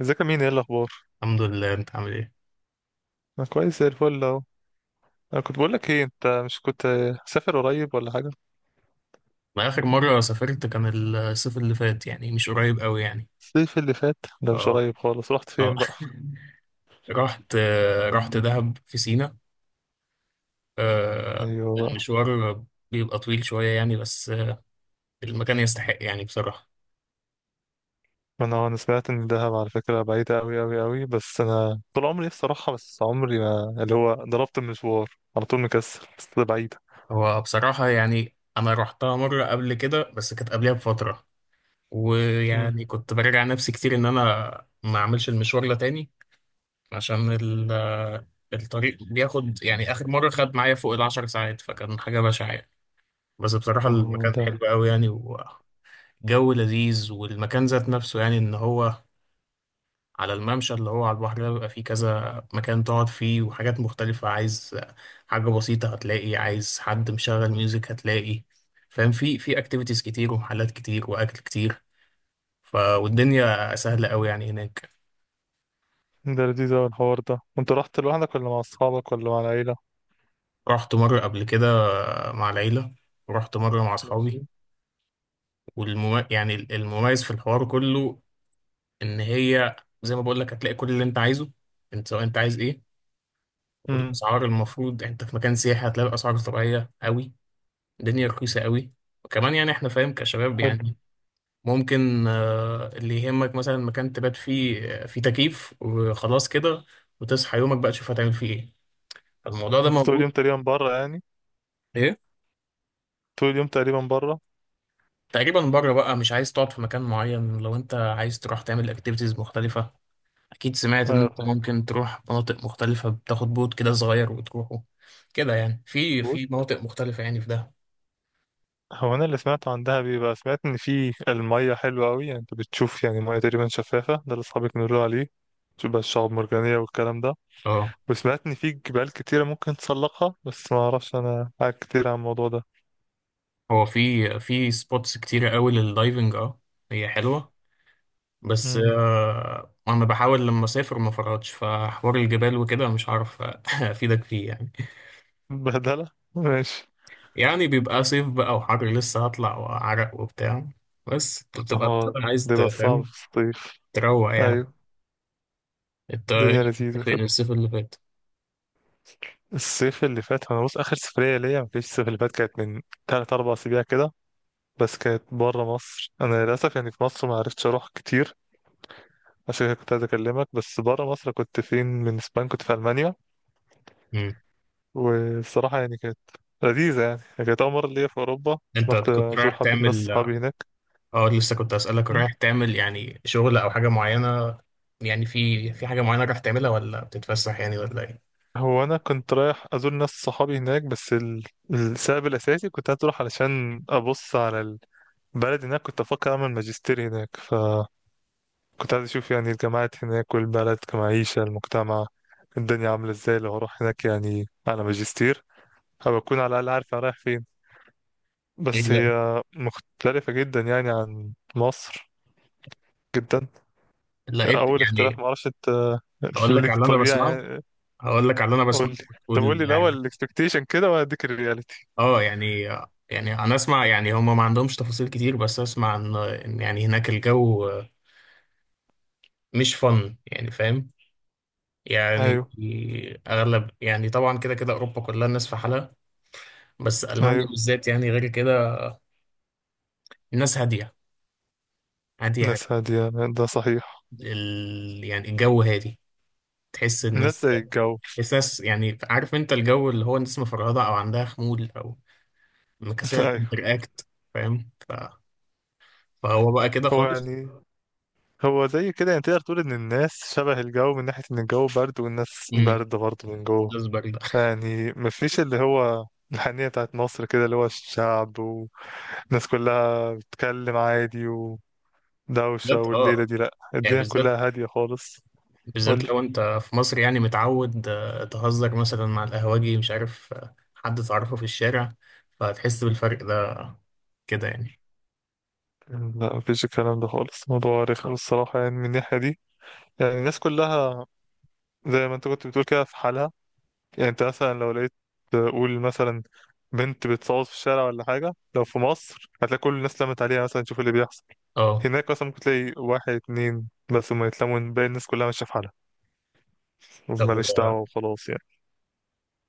ازيك يا مين، ايه الاخبار؟ الحمد لله، انت عامل ايه؟ انا كويس زي الفل اهو. انا كنت بقول لك ايه، انت مش كنت سافر قريب ولا حاجه؟ انا اخر مره سافرت كان الصيف اللي فات، يعني مش قريب قوي يعني. الصيف اللي فات؟ ده مش اه. قريب خالص، رحت اه. فين بقى؟ رحت رحت دهب في سينا. ايوه بقى. المشوار بيبقى طويل شويه يعني، بس المكان يستحق يعني بصراحه. انا سمعت ان دهب على فكره بعيده قوي قوي قوي، بس انا طول عمري نفسي اروحها، بس عمري ما اللي هو ضربت المشوار على طول، مكسل، بس ده بعيده. هو بصراحه يعني انا رحتها مره قبل كده، بس كانت قبلها بفتره، امم. ويعني كنت براجع نفسي كتير ان انا ما اعملش المشوار ده تاني عشان الطريق بياخد، يعني اخر مره خد معايا فوق العشر ساعات، فكان حاجه بشعه يعني. بس بصراحة ما هو المكان حلو ده. قوي يعني، وجو لذيذ، والمكان ذات نفسه يعني ان هو على الممشى اللي هو على البحر ده، بيبقى فيه كذا مكان تقعد فيه وحاجات مختلفة. عايز حاجة بسيطة هتلاقي، عايز حد مشغل ميوزك هتلاقي، فاهم؟ في اكتيفيتيز كتير، ومحلات كتير، واكل كتير، ف والدنيا سهلة قوي يعني هناك. ده لذيذ أوي الحوار ده، انت رحت لوحدك ولا مع اصحابك ولا مع العيله؟ رحت مرة قبل كده مع العيلة، ورحت مرة مع اصحابي. ماشي. يعني المميز في الحوار كله ان هي، زي ما بقول لك، هتلاقي كل اللي انت عايزه. انت سواء انت عايز ايه، امم. والاسعار، المفروض انت في مكان سياحي هتلاقي الاسعار طبيعيه قوي. الدنيا رخيصه قوي. وكمان يعني احنا فاهم كشباب حلو. يعني، ممكن اللي يهمك مثلا مكان تبات فيه، فيه تكييف وخلاص كده، وتصحى يومك بقى تشوف هتعمل فيه ايه. الموضوع ده انت طول موجود. اليوم تقريبا بره يعني؟ ايه؟ طول اليوم تقريبا بره؟ تقريبا بره بقى، مش عايز تقعد في مكان معين لو انت عايز تروح تعمل اكتيفيتيز مختلفه. اكيد سمعت ان انت ايوه. ممكن تروح مناطق مختلفة، بتاخد بوت كده صغير وتروحه كده يعني، في فاهم. في مناطق مختلفة يعني، في ده. هو انا اللي سمعته عن دهب، بيبقى سمعت ان في المية حلوة قوي، يعني انت بتشوف يعني مية تقريبا شفافة، ده اللي اصحابي كانوا يقولوا عليه. تشوف بقى الشعاب المرجانية والكلام ده. اه، وسمعت ان في جبال كتيرة ممكن تسلقها، بس ما اعرفش انا حاجة كتير عن الموضوع ده. هو في سبوتس كتيرة قوي للدايفنج. اه هي حلوة. بس امم. انا بحاول لما اسافر ما فرطش فحوار الجبال وكده، مش عارف افيدك فيه يعني. بهدلة ماشي. يعني بيبقى صيف بقى وحر، لسه هطلع وعرق وبتاع، بس بتبقى اه. بتبقى عايز ده بقى صعب تفهم، في الصيف. تروق يعني. ايوه. انت إيه الدنيا كنت لذيذة فين كده. الصيف اللي فات؟ الصيف اللي فات انا بص، اخر سفرية ليا ما كانتش الصيف اللي فات، كانت من 3 4 اسابيع كده. بس كانت بره مصر. انا للاسف يعني في مصر ما عرفتش اروح كتير، عشان كده كنت عايز اكلمك. بس بره مصر كنت فين؟ من اسبانيا، كنت في المانيا. مم. والصراحه يعني كانت لذيذه يعني، كانت اول مره ليا في اوروبا. انت رحت كنت رايح ازور حبه ناس تعمل؟ صحابي هناك. اه لسه كنت اسالك، م. رايح تعمل يعني شغل او حاجه معينه؟ يعني في حاجه معينه رايح تعملها، ولا بتتفسح يعني، ولا ايه؟ هو انا كنت رايح ازور ناس صحابي هناك، السبب الاساسي كنت عايز اروح علشان ابص على البلد هناك. كنت افكر اعمل ماجستير هناك، فكنت عايز اشوف يعني الجامعات هناك والبلد كمعيشه، المجتمع، الدنيا عامله ازاي لو هروح هناك يعني على ماجستير، هبقى اكون على الاقل عارف أنا رايح فين. إيه، بس هي لا مختلفة جدا يعني عن مصر، جدا. لقيت أول اختلاف، يعني؟ معرفش أنت هقول لك على ليك اللي انا طبيعة بسمعه يعني. هقول لك على اللي انا قول بسمعه لي. طب قول وتقول لي الأول يعني. الإكسبكتيشن كده وهديك الرياليتي. اه يعني، يعني انا اسمع يعني هم ما عندهمش تفاصيل كتير، بس اسمع ان يعني هناك الجو مش فن يعني، فاهم؟ يعني أيوه. اغلب يعني، طبعا كده كده اوروبا كلها الناس في حالها، بس المانيا أيوه. بالذات يعني غير كده. الناس هاديه هاديه هادية. ناس هادية. ده صحيح. يعني الجو هادي. تحس الناس ناس زي الجو. تحس ناس يعني، عارف انت الجو اللي هو الناس مفرهدة او عندها خمول او مكسلة أيوه. تنتراكت، فاهم؟ فهو بقى كده هو خالص. يعني، هو زي كده يعني، تقدر تقول إن الناس شبه الجو، من ناحية إن الجو برد والناس امم برد برضه من جوه. اصبر ده. يعني مفيش اللي هو الحنية بتاعت مصر كده، اللي هو الشعب والناس كلها بتتكلم عادي، دوشة بالذات والليلة دي، لأ، يعني، الدنيا بالذات كلها هادية خالص. بالذات قول. لو انت في مصر يعني متعود تهزر مثلا مع القهوجي، مش عارف حد تعرفه في الشارع، فهتحس بالفرق ده كده يعني. لا مفيش الكلام ده خالص، موضوع رخم الصراحة يعني، من الناحية دي. يعني الناس كلها زي ما انت كنت بتقول كده، في حالها. يعني انت مثلا لو لقيت، تقول مثلا، بنت بتصوت في الشارع ولا حاجة، لو في مصر هتلاقي كل الناس لمت عليها مثلا تشوف اللي بيحصل. اه. هناك مثلا ممكن تلاقي واحد اتنين بس هما يتلموا، باقي الناس كلها ماشية في حالها، طب ماليش دعوة وخلاص يعني.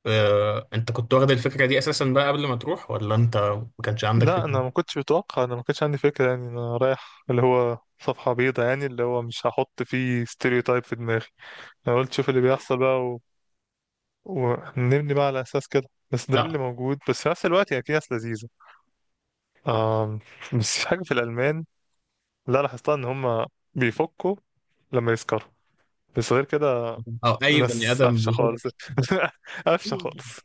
انت كنت واخد الفكرة دي اساسا بقى قبل ما تروح، ولا انت ما كانش عندك لا انا فكرة؟ ما كنتش متوقع، انا ما كانش عندي فكره يعني، انا رايح اللي هو صفحه بيضاء يعني، اللي هو مش هحط فيه ستيريوتايب في دماغي. انا قلت شوف اللي بيحصل بقى ونبني بقى على اساس كده. بس ده لا. اللي موجود، بس في نفس الوقت يعني في ناس لذيذه. آم... بس في حاجه في الالمان لا لاحظتها، ان هم بيفكوا لما يسكروا. بس غير كده او اي بني ناس ادم قفشه خالص. بيفكر قفشه خالص.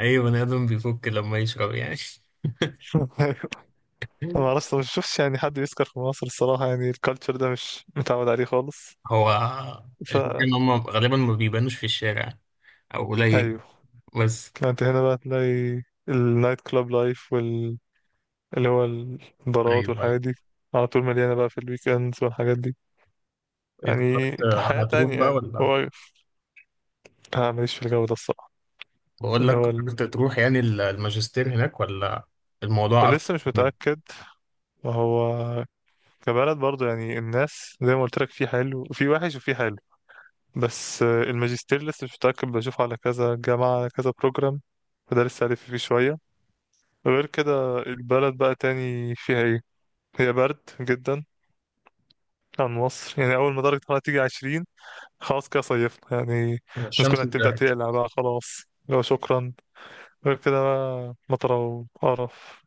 اي بني ادم بيفك لما يشرب يعني. أيوة. ما اعرفش، ما شفتش يعني حد يسكر في مصر الصراحه يعني، الكالتشر ده مش متعود عليه خالص. هو الفكره ان هم غالبا ما بيبانوش في الشارع، او قليل ايوه. بس. انت هنا بقى تلاقي النايت كلاب لايف وال، اللي هو البارات ايوه، ايوه. والحاجات دي، على طول مليانة بقى في الويكندز والحاجات دي، إيه يعني قررت، حياة هتروح تانية بقى يعني ولا؟ هو. أنا ماليش في الجو ده الصراحة. بقول اللي لك هو قررت ال... تروح يعني الماجستير هناك، ولا الموضوع قفل ولسه مش جامد؟ متأكد. وهو كبلد برضه يعني الناس زي ما قلت لك، في حلو وفي وحش وفي حلو. بس الماجستير لسه مش متأكد، بشوفه على كذا جامعة على كذا بروجرام، فده لسه ألف فيه شوية. غير كده البلد بقى تاني فيها ايه؟ هي برد جدا عن مصر، يعني أول ما درجة الحرارة تيجي 20، خلاص كده صيفنا يعني، الناس كلها الشمس تبدأ طلعت. تقلع بقى خلاص. لو شكرا. غير كده بقى مطرة وقرف.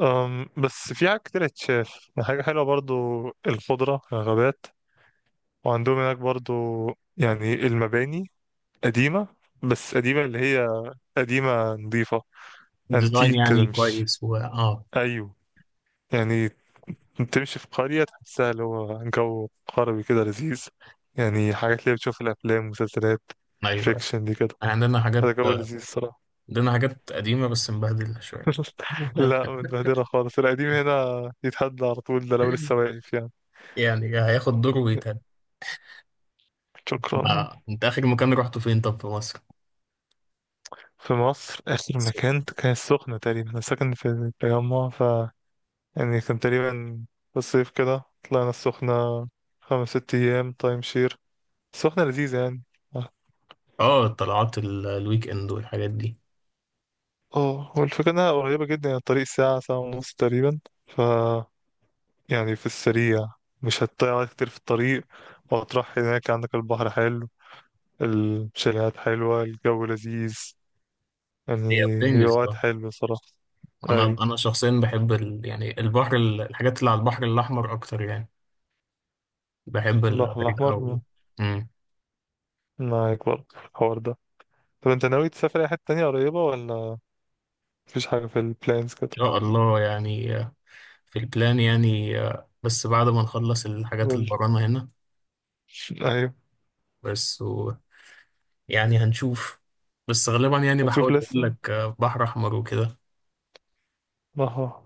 أم بس في حاجة كتير اتشاف، حاجة حلوة برضو، الخضرة، الغابات. وعندهم هناك برضو يعني المباني قديمة، بس قديمة اللي هي قديمة نظيفة، الديزاين انتيك كده، يعني مش كويس و اه. أيوه يعني، تمشي في قرية تحسها اللي هو جو قربي كده لذيذ، يعني حاجات اللي بتشوف الأفلام، مسلسلات، ايوه. الفيكشن دي كده. عندنا حاجات هذا جو لذيذ الصراحة. عندنا حاجات قديمه بس مبهدله شويه. لا متبهدلة خالص، القديم هنا يتهد على طول، ده لو لسه واقف يعني. يعني هياخد دور ويتهد. شكرا. انت اخر مكان رحته فين؟ طب في مصر؟ في مصر آخر مكان كان السخنة تقريبا. أنا ساكن في التجمع، ف يعني كان تقريبا في الصيف كده، طلعنا السخنة 5 6 أيام تايم شير. السخنة لذيذة يعني. اه، طلعات الويك اند والحاجات دي. اه، هو الفكرة انها قريبة جدا يعني الطريق ساعة ساعة ونص تقريبا، ف يعني في السريع مش هتضيع وقت كتير في الطريق، وهتروح هناك عندك البحر حلو، الشاليهات حلوة، الجو لذيذ، هي يعني هي بتنجز وقت اه. حلو صراحة. انا أيوة. انا شخصيا بحب يعني البحر، الحاجات اللي على البحر الاحمر اكتر يعني. بحب البحر الحاجات الأحمر م-، او. ان معاك برضه الحوار ده. طب أنت ناوي تسافر أي حتة تانية قريبة، ولا مفيش حاجة في البلانز كده؟ شاء الله يعني، في البلان يعني بس بعد ما نخلص الحاجات اللي قول. ورانا هنا. أيوة. بس يعني هنشوف. بس غالبا يعني هتشوف بحاول اقول لسه. لك بحر احمر وكده. بحر أحمر.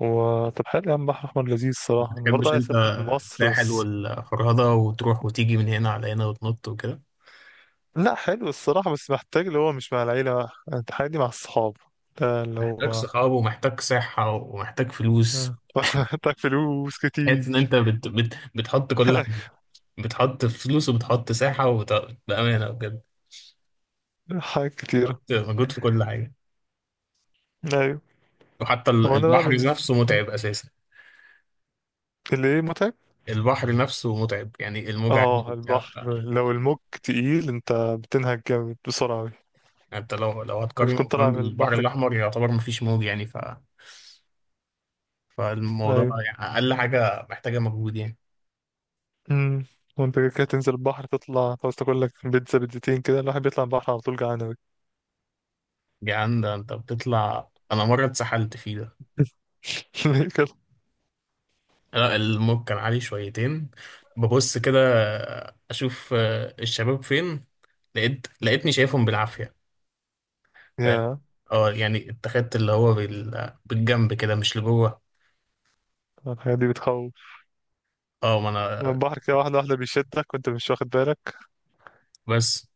و طب حلو يا عم، بحر أحمر لذيذ ما الصراحة، أنا برضه بتحبش عايز انت أسافر في مصر الساحل بس. والفرهدة، وتروح وتيجي من هنا على هنا وتنط وكده؟ لا حلو الصراحة، بس محتاج اللي هو مش مع العيلة بقى، انت حاجة دي مع الصحاب، ده اللي محتاج هو. صحاب ومحتاج صحة ومحتاج فلوس. آه. محتاج فلوس تحس ان كتير. انت بتحط كل حاجه. بتحط فلوس وبتحط ساحه بامانه بجد، حاجات كتيرة. بتحط مجهود في كل حاجه. ايوه. وحتى هو انا بقى البحر من، نفسه متعب اساسا. اللي ايه، متعب. البحر نفسه متعب يعني، الموجة عالية اه وبتاع، البحر لو الموج تقيل انت بتنهج جامد بسرعة أوي، انت لو بتكون هتقارنه طالع كمان من بالبحر البحر كده. الاحمر يعتبر مفيش موج يعني، فالموضوع ايوه. يعني اقل حاجه محتاجه مجهود يعني. امم. وانت كده كده تنزل البحر، تطلع عاوز تاكل لك بيتزا بيتزتين كده، الواحد بيطلع البحر على طول جعان أوي. يعني ده انت بتطلع. انا مره اتسحلت فيه ده. ليه كده؟ لا الموج كان عالي شويتين. ببص كده اشوف الشباب فين، لقيتني شايفهم بالعافية، فاهم؟ يا. اه يعني اتخذت اللي هو بالجنب كده مش لجوه. الحاجات دي بتخوف، اه ما انا. البحر كده واحدة واحدة بيشدك وانت مش واخد بالك. بس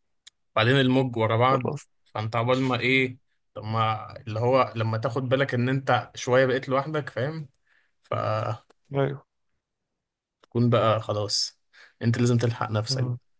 بعدين الموج ورا بعض، خلاص. فانت عبال ما ايه. طب ما اللي هو لما تاخد بالك ان انت شوية بقيت لوحدك، فاهم؟ فتكون ايوه. بقى خلاص، انت لازم تلحق نفسك. آه.